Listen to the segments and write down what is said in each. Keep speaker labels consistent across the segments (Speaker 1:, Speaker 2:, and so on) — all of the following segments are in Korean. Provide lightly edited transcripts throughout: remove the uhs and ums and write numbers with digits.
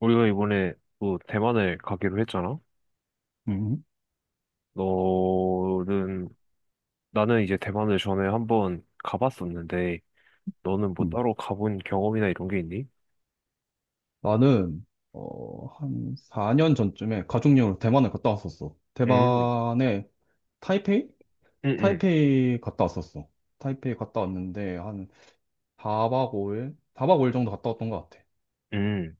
Speaker 1: 우리가 이번에 또 대만을 가기로 했잖아?
Speaker 2: 음,
Speaker 1: 너는, 나는 이제 대만을 전에 한번 가봤었는데, 너는 뭐
Speaker 2: 음.
Speaker 1: 따로 가본 경험이나 이런 게 있니?
Speaker 2: 나는 한 4년 전쯤에 가족여행으로 대만을 갔다 왔었어.
Speaker 1: 음,
Speaker 2: 대만에 타이페이?
Speaker 1: 음, 음,
Speaker 2: 타이페이 갔다 왔었어. 타이페이 갔다 왔는데 한 4박 5일? 4박 5일 정도 갔다 왔던 것 같아.
Speaker 1: 음.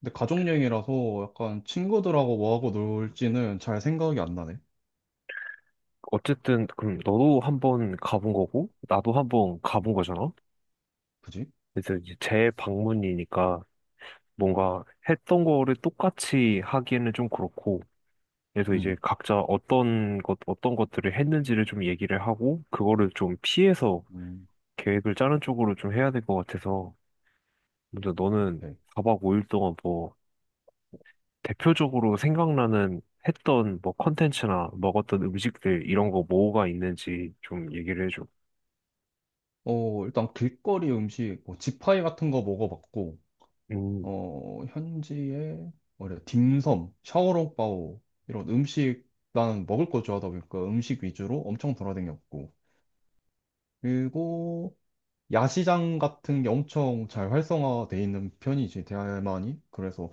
Speaker 2: 근데 가족여행이라서 약간 친구들하고 뭐하고 놀지는 잘 생각이 안 나네.
Speaker 1: 어쨌든, 그럼 너도 한번 가본 거고, 나도 한번
Speaker 2: 음,
Speaker 1: 가본 거잖아?
Speaker 2: 그지?
Speaker 1: 그래서 이제 재방문이니까 뭔가 했던 거를 똑같이 하기에는 좀 그렇고, 그래서 이제
Speaker 2: 음,
Speaker 1: 각자 어떤 것, 어떤 것들을 했는지를 좀 얘기를 하고, 그거를 좀 피해서
Speaker 2: 음,
Speaker 1: 계획을 짜는 쪽으로 좀 해야 될 것 같아서 먼저 너는
Speaker 2: 오케이.
Speaker 1: 사박 5일 동안 뭐 대표적으로 생각나는 했던 뭐 컨텐츠나 먹었던 음식들 이런 거 뭐가 있는지 좀 얘기를 해줘.
Speaker 2: 일단 길거리 음식, 뭐 지파이 같은 거 먹어봤고,
Speaker 1: 음,
Speaker 2: 현지에 뭐래 딤섬, 샤오롱바오 이런 음식 나는 먹을 거 좋아하다 보니까 음식 위주로 엄청 돌아다녔고 그리고 야시장 같은 게 엄청 잘 활성화돼 있는 편이지 대만이 그래서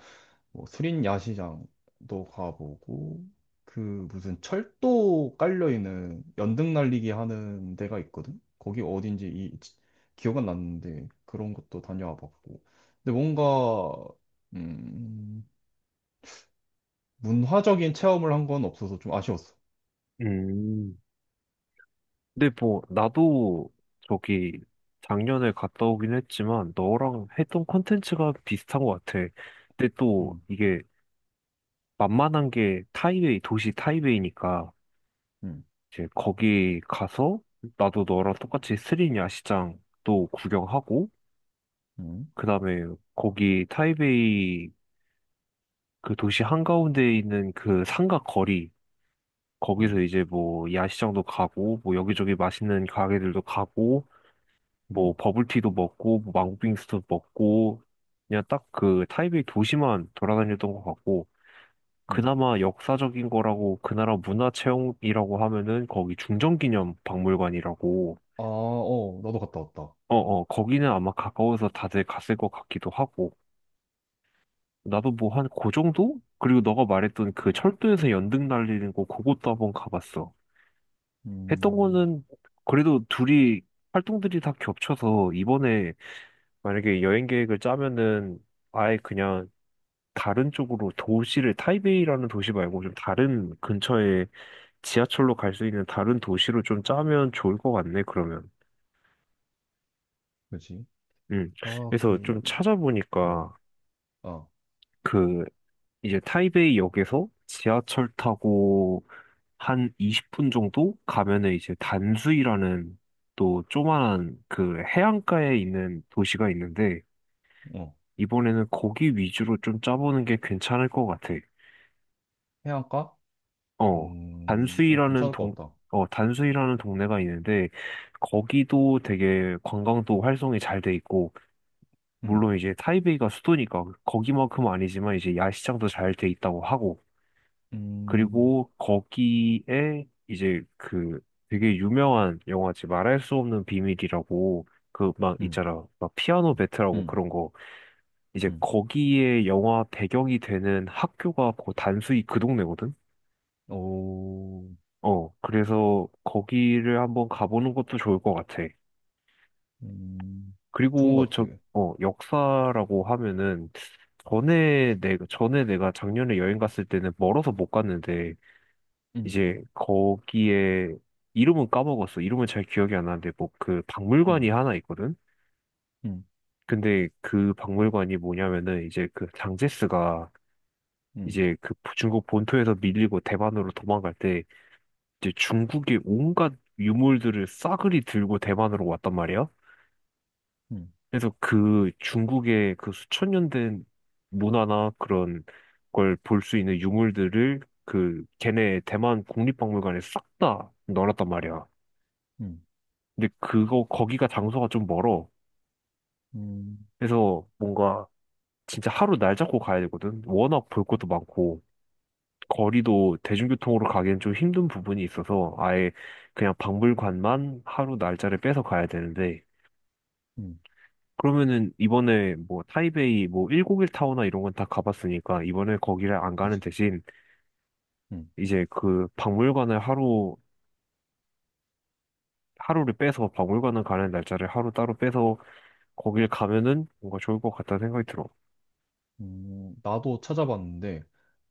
Speaker 2: 뭐 수린 야시장도 가보고 그 무슨 철도 깔려 있는 연등 날리기 하는 데가 있거든. 거기 어딘지 기억은 났는데 그런 것도 다녀와 봤고. 근데 뭔가 음, 문화적인 체험을 한 건 없어서 좀 아쉬웠어.
Speaker 1: 음. 근데 뭐 나도 저기 작년에 갔다 오긴 했지만 너랑 했던 컨텐츠가 비슷한 것 같아. 근데 또
Speaker 2: 음,
Speaker 1: 이게 만만한 게 타이웨이, 도시 타이웨이니까
Speaker 2: 음,
Speaker 1: 이제 거기 가서 나도 너랑 똑같이 스리냐 시장도 구경하고
Speaker 2: 음,
Speaker 1: 그다음에 거기 타이베이 그 도시 한가운데에 있는 그 상가 거리 거기서
Speaker 2: 음,
Speaker 1: 이제 뭐 야시장도 가고 뭐 여기저기 맛있는 가게들도 가고 뭐
Speaker 2: 음,
Speaker 1: 버블티도 먹고 뭐 망고빙수도 먹고 그냥 딱 그 타이베이 도시만 돌아다녔던 것 같고
Speaker 2: 음.
Speaker 1: 그나마 역사적인 거라고 그 나라 문화 체험이라고 하면은 거기 중정기념 박물관이라고.
Speaker 2: 아, 어, 나도 갔다 왔다.
Speaker 1: 어, 어, 거기는 아마 가까워서 다들 갔을 것 같기도 하고. 나도 뭐 한 그 정도? 그리고 너가 말했던 그 철도에서 연등 날리는 거, 그것도 한번 가봤어. 했던
Speaker 2: 음,
Speaker 1: 거는 그래도 둘이, 활동들이 다 겹쳐서 이번에 만약에 여행 계획을 짜면은 아예 그냥 다른 쪽으로 도시를, 타이베이라는 도시 말고 좀 다른 근처에 지하철로 갈 수 있는 다른 도시로 좀 짜면 좋을 것 같네, 그러면.
Speaker 2: 그지?
Speaker 1: 음.
Speaker 2: 아, 그,
Speaker 1: 그래서 좀
Speaker 2: 어,
Speaker 1: 찾아보니까
Speaker 2: 아,
Speaker 1: 그 이제 타이베이 역에서 지하철 타고 한 20분 정도 가면은 이제 단수이라는 또 조만한 그 해안가에 있는 도시가 있는데
Speaker 2: 어,
Speaker 1: 이번에는 거기 위주로 좀 짜보는 게 괜찮을 것 같아.
Speaker 2: 해안가?
Speaker 1: 어,
Speaker 2: 어,
Speaker 1: 단수이라는
Speaker 2: 괜찮을
Speaker 1: 동,
Speaker 2: 것 같다.
Speaker 1: 단수이라는 동네가 있는데 거기도 되게 관광도 활성이 잘 돼 있고
Speaker 2: 음.
Speaker 1: 물론 이제 타이베이가 수도니까 거기만큼 아니지만 이제 야시장도 잘 돼 있다고 하고
Speaker 2: 음,
Speaker 1: 그리고 거기에 이제 그 되게 유명한 영화지 말할 수 없는 비밀이라고 그 막
Speaker 2: 음,
Speaker 1: 있잖아 막 피아노 배트라고
Speaker 2: 음,
Speaker 1: 그런 거 이제
Speaker 2: 음.
Speaker 1: 거기에 영화 배경이 되는 학교가 그 단수이 그 동네거든.
Speaker 2: 오,
Speaker 1: 그래서 거기를 한번 가보는 것도 좋을 것 같아.
Speaker 2: 음, 좋은
Speaker 1: 그리고
Speaker 2: 것 같아.
Speaker 1: 역사라고 하면은 전에 내가 작년에 여행 갔을 때는 멀어서 못 갔는데
Speaker 2: 음,
Speaker 1: 이제 거기에 이름은 까먹었어. 이름은 잘 기억이 안 나는데 뭐 그 박물관이
Speaker 2: 음,
Speaker 1: 하나 있거든.
Speaker 2: 음,
Speaker 1: 근데 그 박물관이 뭐냐면은 이제 그 장제스가
Speaker 2: 음,
Speaker 1: 이제 그 중국 본토에서 밀리고 대만으로 도망갈 때 이제 중국의 온갖 유물들을 싸그리 들고 대만으로 왔단 말이야.
Speaker 2: 음,
Speaker 1: 그래서 그 중국의 그 수천 년 된 문화나 그런 걸 볼 수 있는 유물들을 그 걔네 대만 국립박물관에 싹 다 넣어놨단 말이야.
Speaker 2: 음,
Speaker 1: 근데 그거 거기가 장소가 좀 멀어.
Speaker 2: 음,
Speaker 1: 그래서 뭔가 진짜 하루 날 잡고 가야 되거든. 워낙 볼 것도 많고 거리도 대중교통으로 가기엔 좀 힘든 부분이 있어서 아예 그냥 박물관만 하루 날짜를 빼서 가야 되는데
Speaker 2: 음,
Speaker 1: 그러면은 이번에 뭐 타이베이 뭐 1 0일 타워나 이런 건 다 가봤으니까 이번에 거기를 안 가는
Speaker 2: 그치.
Speaker 1: 대신
Speaker 2: 음,
Speaker 1: 이제 그 박물관을 하루를 빼서 박물관을 가는 날짜를 하루 따로 빼서 거길 가면은 뭔가 좋을 것 같다는 생각이 들어.
Speaker 2: 나도 찾아봤는데,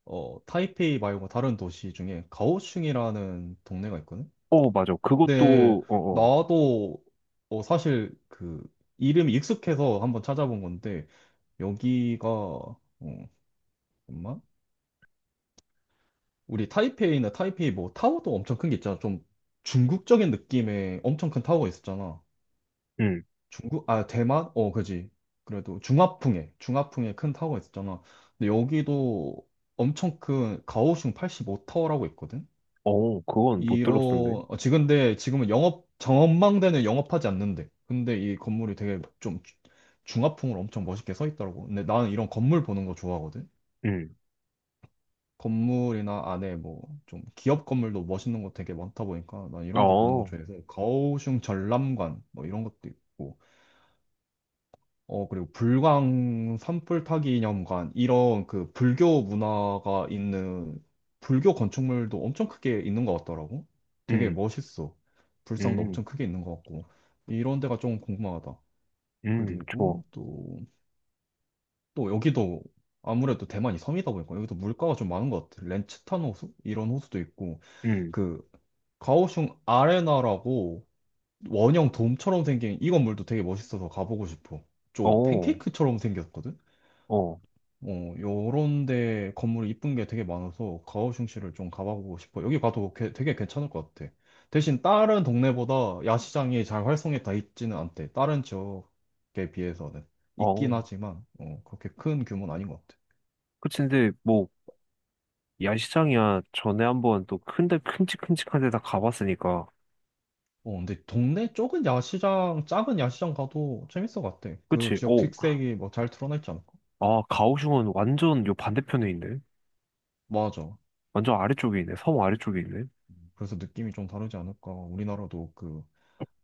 Speaker 2: 어, 타이페이 말고 다른 도시 중에 가오슝이라는 동네가 있거든?
Speaker 1: 어, 맞아.
Speaker 2: 근데,
Speaker 1: 그것도, 어, 어.
Speaker 2: 나도, 사실 그, 이름이 익숙해서 한번 찾아본 건데, 여기가, 잠깐만. 우리 타이페이나 타이페이 뭐 타워도 엄청 큰 게 있잖아. 좀 중국적인 느낌의 엄청 큰 타워가 있었잖아.
Speaker 1: 음,
Speaker 2: 중국, 아, 대만? 어, 그지. 그래도 중화풍에, 중화풍에 큰 타워가 있었잖아. 근데 여기도 엄청 큰 가오슝 85타워라고 있거든?
Speaker 1: 어, 그건 못
Speaker 2: 이런,
Speaker 1: 들었었는데.
Speaker 2: 지금 근데 지금은 영업, 전망대는 영업하지 않는데. 근데 이 건물이 되게 좀 중화풍으로 엄청 멋있게 서 있더라고. 근데 나는 이런 건물 보는 거 좋아하거든?
Speaker 1: 음,
Speaker 2: 건물이나 안에 뭐 좀 기업 건물도 멋있는 거 되게 많다 보니까 난 이런 거 보는 거
Speaker 1: 어,
Speaker 2: 좋아해서 가오슝 전람관 뭐 이런 것도 있고 그리고 불광 산불 타기 념관 이런 그 불교 문화가 있는 불교 건축물도 엄청 크게 있는 것 같더라고 되게
Speaker 1: 음,
Speaker 2: 멋있어 불상도
Speaker 1: 음,
Speaker 2: 엄청 크게 있는 것 같고 이런 데가 좀 궁금하다
Speaker 1: 좋아.
Speaker 2: 그리고 또 또 여기도 아무래도 대만이 섬이다 보니까 여기도 물가가 좀 많은 것 같아 렌츠탄 호수 이런 호수도 있고
Speaker 1: 음.
Speaker 2: 그 가오슝 아레나라고 원형 돔처럼 생긴 이 건물도 되게 멋있어서 가보고 싶어. 좀
Speaker 1: 어,
Speaker 2: 팬케이크처럼 생겼거든?
Speaker 1: 어,
Speaker 2: 요런 데 건물이 이쁜 게 되게 많아서 가오슝시를 좀 가보고 싶어. 여기 가도 되게 괜찮을 것 같아. 대신 다른 동네보다 야시장이 잘 활성에 다 있지는 않대. 다른 지역에 비해서는. 있긴
Speaker 1: 어.
Speaker 2: 하지만, 그렇게 큰 규모는 아닌 것 같아.
Speaker 1: 그치, 근데 뭐, 야시장이야. 전에 한번 또 큰데, 큼직큼직한 데다 가봤으니까.
Speaker 2: 근데 동네 쪽은 야시장, 작은 야시장 가도 재밌을 것 같아. 그
Speaker 1: 그치,
Speaker 2: 지역
Speaker 1: 오.
Speaker 2: 특색이 뭐 잘 드러나 있지 않을까?
Speaker 1: 아, 가오슝은 완전 요 반대편에 있네.
Speaker 2: 맞아.
Speaker 1: 완전 아래쪽에 있네. 섬 아래쪽에 있네.
Speaker 2: 그래서 느낌이 좀 다르지 않을까. 우리나라도 그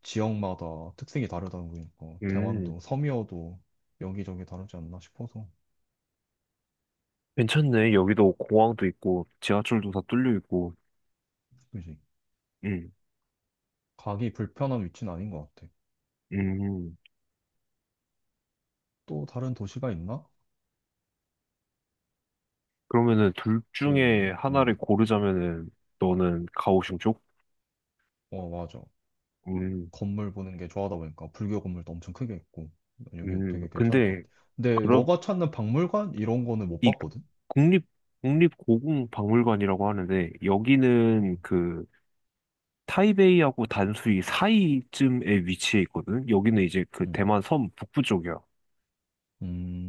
Speaker 2: 지역마다 특색이 다르다는 거니까.
Speaker 1: 음,
Speaker 2: 대만도 섬이어도 여기저기 다르지 않나 싶어서.
Speaker 1: 괜찮네. 여기도 공항도 있고, 지하철도 다 뚫려 있고.
Speaker 2: 그지?
Speaker 1: 음,
Speaker 2: 가기 불편한 위치는 아닌 것 같아.
Speaker 1: 음.
Speaker 2: 또 다른 도시가 있나?
Speaker 1: 그러면은 둘
Speaker 2: 그,
Speaker 1: 중에
Speaker 2: 어,
Speaker 1: 하나를 고르자면은 너는 가오슝 쪽?
Speaker 2: 어, 맞아.
Speaker 1: 음,
Speaker 2: 건물 보는 게 좋아하다 보니까 불교 건물도 엄청 크게 있고. 여기 되게 괜찮을 것
Speaker 1: 근데
Speaker 2: 같아. 근데
Speaker 1: 그럼
Speaker 2: 너가 찾는 박물관? 이런 거는 못
Speaker 1: 이
Speaker 2: 봤거든?
Speaker 1: 국립 국립 고궁 박물관이라고 하는데 여기는
Speaker 2: 음,
Speaker 1: 그 타이베이하고 단수이 사이쯤에 위치해 있거든. 여기는 이제 그
Speaker 2: 음,
Speaker 1: 대만 섬 북부 쪽이야.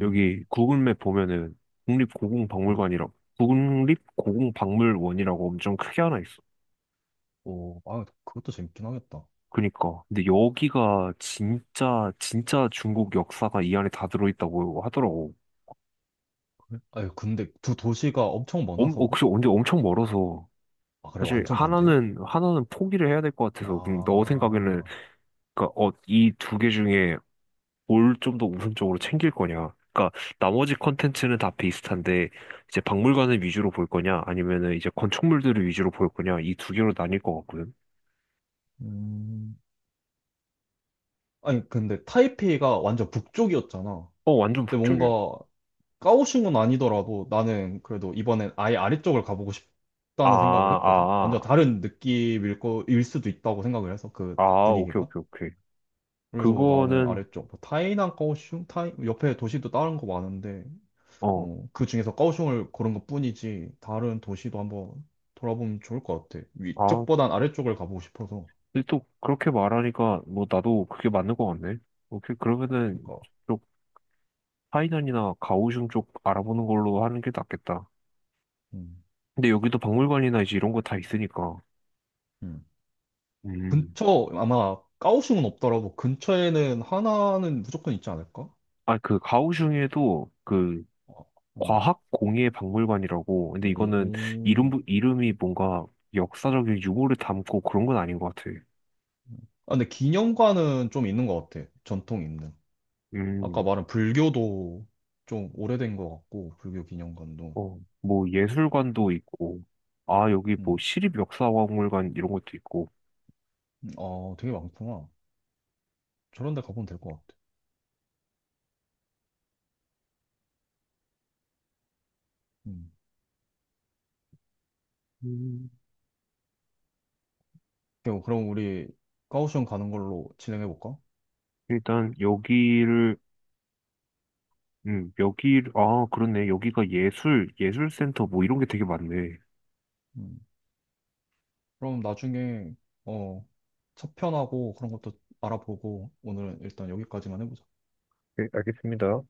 Speaker 1: 여기 구글맵 보면은 국립 고궁
Speaker 2: 음.
Speaker 1: 박물관이라고 국립 고궁 박물원이라고 엄청 크게 하나 있어.
Speaker 2: 오, 아, 그것도 재밌긴 하겠다.
Speaker 1: 그니까. 근데 여기가 진짜, 진짜 중국 역사가 이 안에 다 들어있다고 하더라고.
Speaker 2: 아유, 근데 두 도시가 엄청 멀어
Speaker 1: 엄, 어,
Speaker 2: 서로?
Speaker 1: 그래서 언제 엄청 멀어서.
Speaker 2: 아, 그래,
Speaker 1: 사실
Speaker 2: 완전 반대야?
Speaker 1: 하나는 포기를 해야 될 것 같아서. 그럼 너 생각에는,
Speaker 2: 아,
Speaker 1: 그니까, 어, 이 두 개 중에 뭘 좀 더 우선적으로 챙길 거냐? 그니까, 나머지 컨텐츠는 다 비슷한데, 이제 박물관을 위주로 볼 거냐? 아니면은 이제 건축물들을 위주로 볼 거냐? 이 두 개로 나뉠 것 같거든.
Speaker 2: 음. 아니, 근데 타이페이가 완전 북쪽이었잖아.
Speaker 1: 어, 완전
Speaker 2: 근데
Speaker 1: 북쪽이야.
Speaker 2: 뭔가 까오슝은 아니더라도 나는 그래도 이번엔 아예 아래쪽을 가보고
Speaker 1: 아,
Speaker 2: 싶다는 생각을 했거든. 완전
Speaker 1: 아,
Speaker 2: 다른 느낌일 거, 일 수도 있다고 생각을 해서
Speaker 1: 아,
Speaker 2: 그
Speaker 1: 아, 오케이,
Speaker 2: 분위기가.
Speaker 1: 오케이, 오케이.
Speaker 2: 그래서 나는
Speaker 1: 그거는,
Speaker 2: 아래쪽, 뭐 타이난 까오슝, 타이, 옆에 도시도 다른 거 많은데
Speaker 1: 어.
Speaker 2: 그 중에서 까오슝을 고른 것뿐이지 다른 도시도 한번 돌아보면 좋을 것 같아.
Speaker 1: 아,
Speaker 2: 위쪽보단 아래쪽을 가보고 싶어서.
Speaker 1: 근데 또 그렇게 말하니까 뭐 나도 그게 맞는 것 같네. 오케이, 그러면은
Speaker 2: 그러니까
Speaker 1: 쪽 파이난이나 가오슝 쪽 알아보는 걸로 하는 게 낫겠다.
Speaker 2: 음,
Speaker 1: 근데 여기도 박물관이나 이제 이런 거 다 있으니까.
Speaker 2: 음.
Speaker 1: 음,
Speaker 2: 근처 아마 까오슝은 없더라도 근처에는 하나는 무조건 있지 않을까?
Speaker 1: 아, 그 가오슝에도 그
Speaker 2: 어. 어.
Speaker 1: 과학공예 박물관이라고. 근데 이거는 이름
Speaker 2: 음.
Speaker 1: 이름이 뭔가 역사적인 유물을 담고 그런 건 아닌 것 같아.
Speaker 2: 아, 근데 기념관은 좀 있는 것 같아. 전통 있는. 아까
Speaker 1: 음,
Speaker 2: 말한 불교도 좀 오래된 것 같고 불교 기념관도.
Speaker 1: 어, 뭐 예술관도 있고, 아, 여기 뭐
Speaker 2: 음.
Speaker 1: 시립 역사 박물관 이런 것도 있고.
Speaker 2: 아, 되게 많구나. 저런 데 가보면 될 것 같아. 음.
Speaker 1: 음,
Speaker 2: 오케이, 그럼 우리 가오슝 가는 걸로 진행해볼까?
Speaker 1: 일단 여기를 여기, 아, 그렇네. 여기가 예술, 예술센터 뭐 이런 게 되게 많네.
Speaker 2: 음. 그럼 나중에, 어, 차편하고 그런 것도 알아보고 오늘은 일단 여기까지만 해보자.
Speaker 1: 네, 알겠습니다.